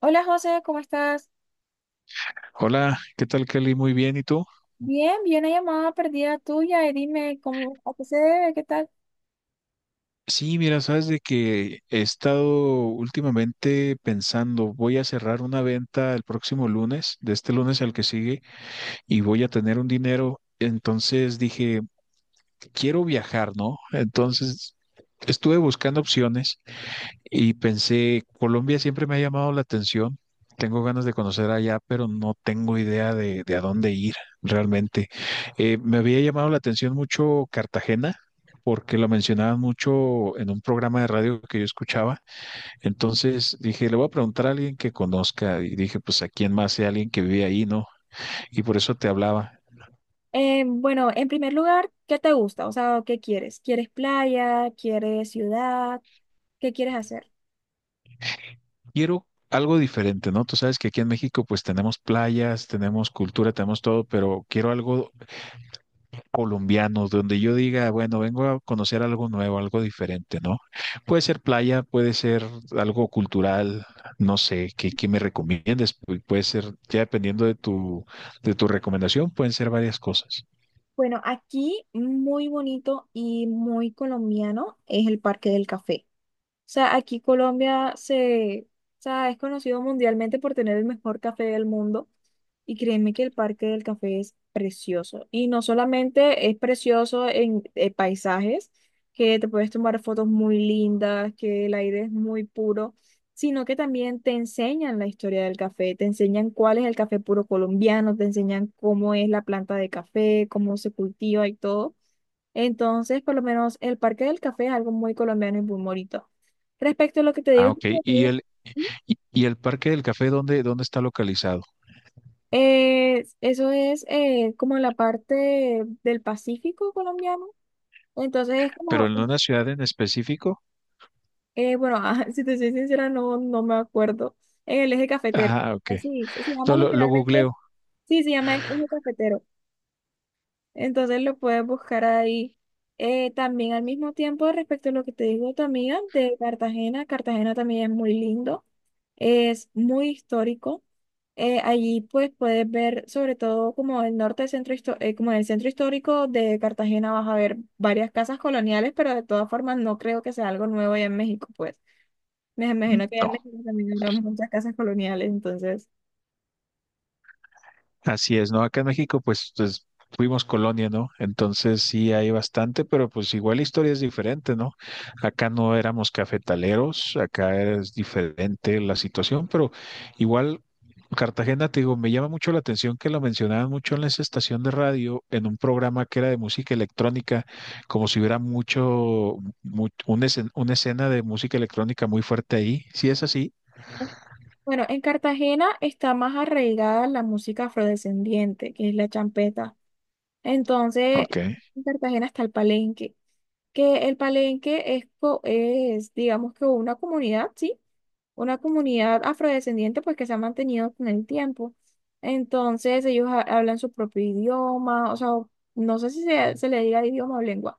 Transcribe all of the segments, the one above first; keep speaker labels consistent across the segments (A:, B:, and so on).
A: Hola José, ¿cómo estás?
B: Hola, ¿qué tal Kelly? Muy bien, ¿y tú?
A: Bien, vi una llamada perdida tuya y dime cómo, a qué se debe, qué tal.
B: Sí, mira, sabes de que he estado últimamente pensando, voy a cerrar una venta el próximo lunes, de este lunes al que sigue, y voy a tener un dinero. Entonces dije, quiero viajar, ¿no? Entonces estuve buscando opciones. Y pensé, Colombia siempre me ha llamado la atención. Tengo ganas de conocer allá, pero no tengo idea de a dónde ir realmente. Me había llamado la atención mucho Cartagena, porque lo mencionaban mucho en un programa de radio que yo escuchaba. Entonces dije, le voy a preguntar a alguien que conozca. Y dije, pues a quién más, si alguien que vive ahí, ¿no? Y por eso te hablaba.
A: Bueno, en primer lugar, ¿qué te gusta? O sea, ¿qué quieres? ¿Quieres playa? ¿Quieres ciudad? ¿Qué quieres hacer?
B: Quiero algo diferente, ¿no? Tú sabes que aquí en México pues tenemos playas, tenemos cultura, tenemos todo, pero quiero algo colombianos, donde yo diga, bueno, vengo a conocer algo nuevo, algo diferente, ¿no? Puede ser playa, puede ser algo cultural, no sé, ¿qué me recomiendes? Puede ser, ya dependiendo de de tu recomendación, pueden ser varias cosas.
A: Bueno, aquí muy bonito y muy colombiano es el Parque del Café. O sea, aquí Colombia, o sea, es conocido mundialmente por tener el mejor café del mundo. Y créeme que el Parque del Café es precioso. Y no solamente es precioso en paisajes, que te puedes tomar fotos muy lindas, que el aire es muy puro, sino que también te enseñan la historia del café, te enseñan cuál es el café puro colombiano, te enseñan cómo es la planta de café, cómo se cultiva y todo. Entonces, por lo menos el Parque del Café es algo muy colombiano y muy bonito. Respecto a lo que te
B: Ah,
A: digo.
B: ok. ¿Y y el Parque del Café, dónde está localizado?
A: Eso es como la parte del Pacífico colombiano. Entonces es
B: ¿Pero
A: como,
B: en una ciudad en específico?
A: bueno, ah, si te soy sincera, no, no me acuerdo. En el eje cafetero.
B: Ah, ok.
A: Así, se llama
B: No, lo
A: literalmente,
B: googleo.
A: sí, se llama eje cafetero. Entonces lo puedes buscar ahí. También al mismo tiempo, respecto a lo que te digo tu amiga de Cartagena. Cartagena también es muy lindo. Es muy histórico. Allí pues puedes ver sobre todo como el norte del centro histo- como en el centro histórico de Cartagena vas a ver varias casas coloniales, pero de todas formas no creo que sea algo nuevo allá en México, pues. Me imagino que allá
B: No.
A: en México también habrá muchas casas coloniales, entonces.
B: Así es, ¿no? Acá en México, pues fuimos colonia, ¿no? Entonces sí hay bastante, pero pues igual la historia es diferente, ¿no? Acá no éramos cafetaleros, acá es diferente la situación, pero igual Cartagena, te digo, me llama mucho la atención que lo mencionaban mucho en esa estación de radio, en un programa que era de música electrónica, como si hubiera mucho, una una escena de música electrónica muy fuerte ahí. ¿Sí es así?
A: Bueno, en Cartagena está más arraigada la música afrodescendiente, que es la champeta. Entonces,
B: Ok,
A: en Cartagena está el Palenque, que el Palenque es, digamos que una comunidad, ¿sí? Una comunidad afrodescendiente, pues que se ha mantenido con el tiempo. Entonces, ellos hablan su propio idioma, o sea, no sé si se le diga idioma o lengua,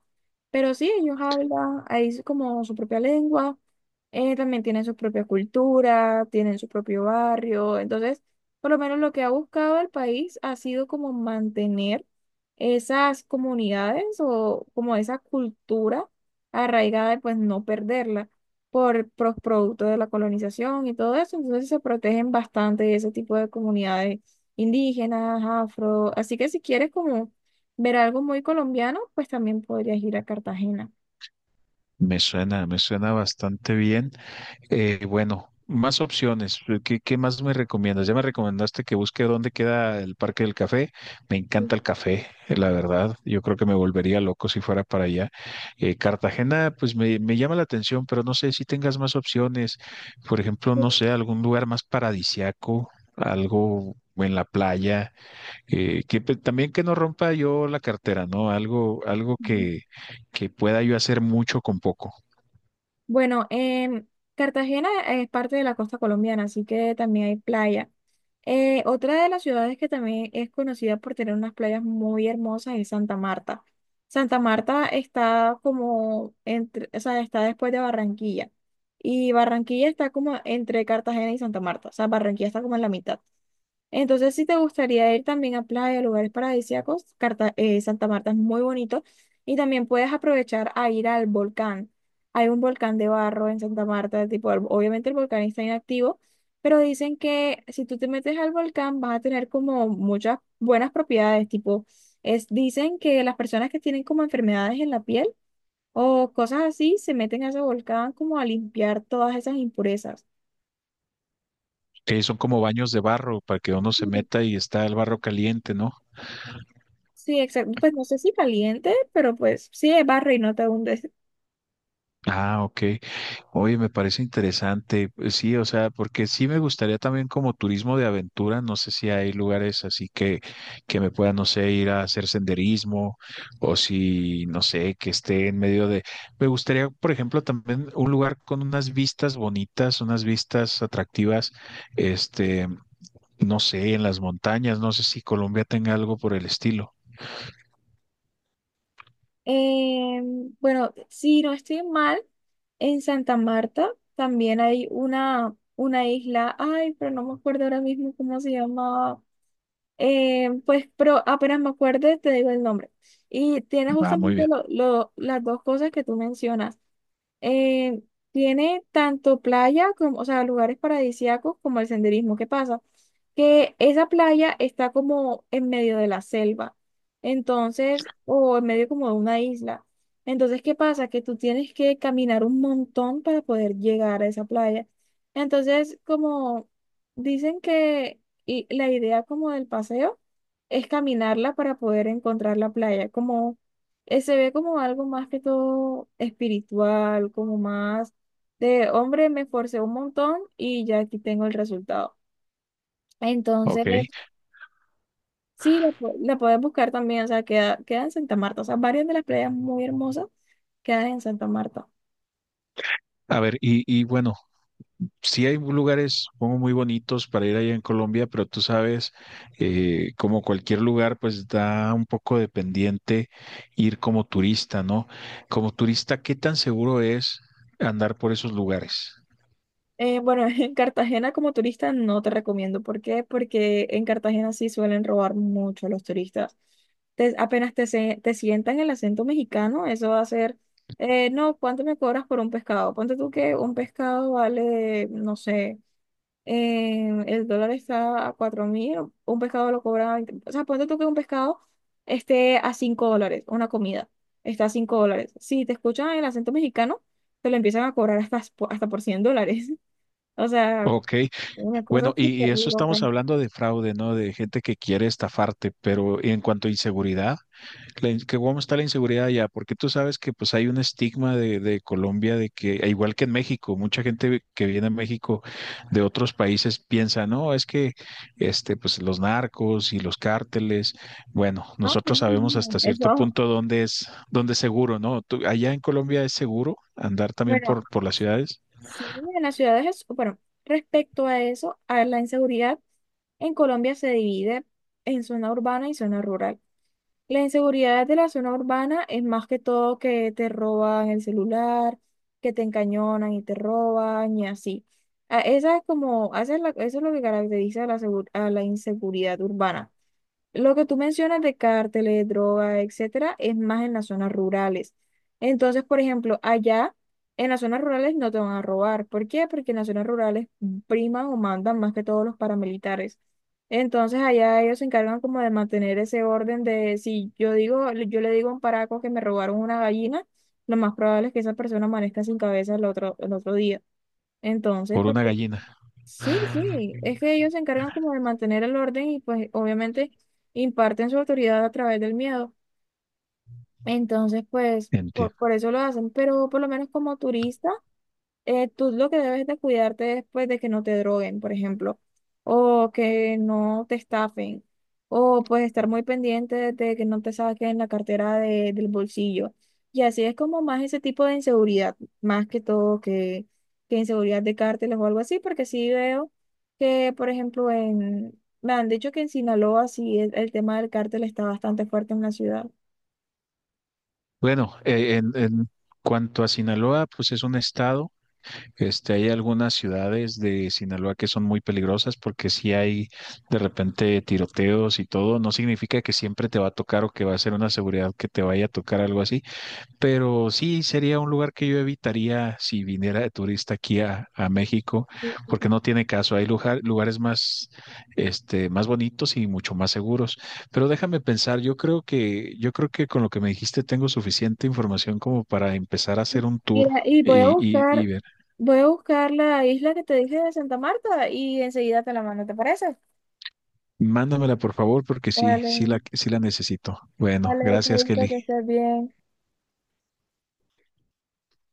A: pero sí, ellos hablan ahí como su propia lengua, también tienen su propia cultura, tienen su propio barrio, entonces, por lo menos lo que ha buscado el país ha sido como mantener esas comunidades o como esa cultura arraigada de pues no perderla por producto de la colonización y todo eso. Entonces se protegen bastante ese tipo de comunidades indígenas, afro. Así que si quieres como ver algo muy colombiano, pues también podrías ir a Cartagena.
B: me suena bastante bien. Bueno, más opciones. Qué más me recomiendas? Ya me recomendaste que busque dónde queda el Parque del Café. Me encanta el café, la verdad. Yo creo que me volvería loco si fuera para allá. Cartagena, pues me llama la atención, pero no sé si tengas más opciones. Por ejemplo, no sé, algún lugar más paradisiaco, algo en la playa, que también que no rompa yo la cartera, ¿no? Algo, algo
A: Ujú.
B: que pueda yo hacer mucho con poco.
A: Bueno, Cartagena es parte de la costa colombiana, así que también hay playa. Otra de las ciudades que también es conocida por tener unas playas muy hermosas es Santa Marta. Santa Marta está como o sea, está después de Barranquilla. Y Barranquilla está como entre Cartagena y Santa Marta. O sea, Barranquilla está como en la mitad. Entonces, si te gustaría ir también a playa, lugares paradisíacos, Santa Marta es muy bonito y también puedes aprovechar a ir al volcán. Hay un volcán de barro en Santa Marta, tipo, obviamente el volcán está inactivo, pero dicen que si tú te metes al volcán vas a tener como muchas buenas propiedades, tipo, dicen que las personas que tienen como enfermedades en la piel o cosas así se meten a ese volcán como a limpiar todas esas impurezas.
B: Sí, son como baños de barro para que uno se meta y está el barro caliente, ¿no?
A: Sí, exacto. Pues no sé si caliente, pero pues sí, barre y no te hundes.
B: Ah, ok. Oye, me parece interesante. Pues sí, o sea, porque sí me gustaría también como turismo de aventura. No sé si hay lugares así que me pueda, no sé, ir a hacer senderismo o si, no sé, que esté en medio de... Me gustaría, por ejemplo, también un lugar con unas vistas bonitas, unas vistas atractivas, este, no sé, en las montañas. No sé si Colombia tenga algo por el estilo.
A: Eh, bueno, si no estoy mal, en Santa Marta también hay una isla, ay, pero no me acuerdo ahora mismo cómo se llamaba. Pues, pero apenas me acuerde, te digo el nombre. Y tiene
B: Va, muy
A: justamente
B: bien.
A: las dos cosas que tú mencionas. eh, Tiene tanto playa como, o sea, lugares paradisíacos como el senderismo. ¿Qué pasa? Que esa playa está como en medio de la selva, entonces, o en medio como de una isla. Entonces, ¿qué pasa? Que tú tienes que caminar un montón para poder llegar a esa playa. Entonces, como dicen que y la idea como del paseo es caminarla para poder encontrar la playa, como se ve como algo más que todo espiritual, como más de hombre, me esforcé un montón y ya aquí tengo el resultado.
B: Ok,
A: Entonces, sí, la puedes buscar también, o sea, queda en Santa Marta, o sea, varias de las playas muy hermosas quedan en Santa Marta.
B: a ver, y bueno, sí hay lugares, supongo, muy bonitos para ir allá en Colombia, pero tú sabes, como cualquier lugar, pues da un poco de pendiente ir como turista, ¿no? Como turista, ¿qué tan seguro es andar por esos lugares?
A: Bueno, en Cartagena como turista no te recomiendo. ¿Por qué? Porque en Cartagena sí suelen robar mucho a los turistas. Apenas te sientan el acento mexicano, eso va a ser, no, ¿cuánto me cobras por un pescado? Ponte tú que un pescado vale, no sé, el dólar está a 4.000, un pescado lo cobra, 20 o sea, ponte tú que un pescado esté a $5, una comida, está a $5. Si te escuchan el acento mexicano, te lo empiezan a cobrar hasta por $100. O sea,
B: Ok,
A: una cosa
B: bueno, y,
A: súper
B: y eso
A: loca.
B: estamos hablando de fraude, ¿no? De gente que quiere estafarte, pero en cuanto a inseguridad, la que ¿cómo está la inseguridad allá? Porque tú sabes que pues hay un estigma de Colombia de que, e igual que en México, mucha gente que viene a México de otros países piensa, no, es que este, pues los narcos y los cárteles, bueno,
A: Ah, no,
B: nosotros sabemos
A: no, no,
B: hasta cierto
A: eso,
B: punto dónde es seguro, ¿no? Tú- allá en Colombia es seguro andar también
A: bueno,
B: por las ciudades,
A: sí, en las ciudades es, bueno, respecto a eso, a la inseguridad, en Colombia se divide en zona urbana y zona rural. La inseguridad de la zona urbana es más que todo que te roban el celular, que te encañonan y te roban y así. Ah, esa es como, eso es lo que caracteriza a a la inseguridad urbana. Lo que tú mencionas de cárteles, drogas, etcétera, es más en las zonas rurales. Entonces, por ejemplo, allá en las zonas rurales no te van a robar. ¿Por qué? Porque en las zonas rurales priman o mandan más que todos los paramilitares. Entonces, allá ellos se encargan como de mantener ese orden de si yo le digo a un paraco que me robaron una gallina, lo más probable es que esa persona amanezca sin cabeza el otro día. Entonces,
B: por una
A: porque
B: gallina.
A: Sí, sí, es que ellos se encargan como de mantener el orden y pues obviamente imparten su autoridad a través del miedo. Entonces, pues eso lo hacen, pero por lo menos como turista, tú lo que debes de cuidarte es pues, de que no te droguen, por ejemplo, o que no te estafen, o pues estar muy pendiente de que no te saquen la cartera del bolsillo. Y así es como más ese tipo de inseguridad, más que todo que inseguridad de cárteles o algo así, porque sí veo que, por ejemplo, me han dicho que en Sinaloa sí el tema del cártel está bastante fuerte en la ciudad.
B: Bueno, en cuanto a Sinaloa, pues es un estado. Este, hay algunas ciudades de Sinaloa que son muy peligrosas porque si hay de repente tiroteos y todo, no significa que siempre te va a tocar o que va a ser una seguridad que te vaya a tocar algo así, pero sí, sería un lugar que yo evitaría si viniera de turista aquí a México, porque no tiene caso. Hay lugar- lugares más, este, más bonitos y mucho más seguros. Pero déjame pensar, yo creo que con lo que me dijiste tengo suficiente información como para empezar a hacer un tour
A: Mira, y
B: y ver.
A: voy a buscar la isla que te dije de Santa Marta y enseguida te la mando, ¿te parece?
B: Mándamela, por favor, porque sí,
A: Vale,
B: sí la necesito. Bueno,
A: vale,
B: gracias,
A: chavito,
B: Kelly.
A: que estés bien.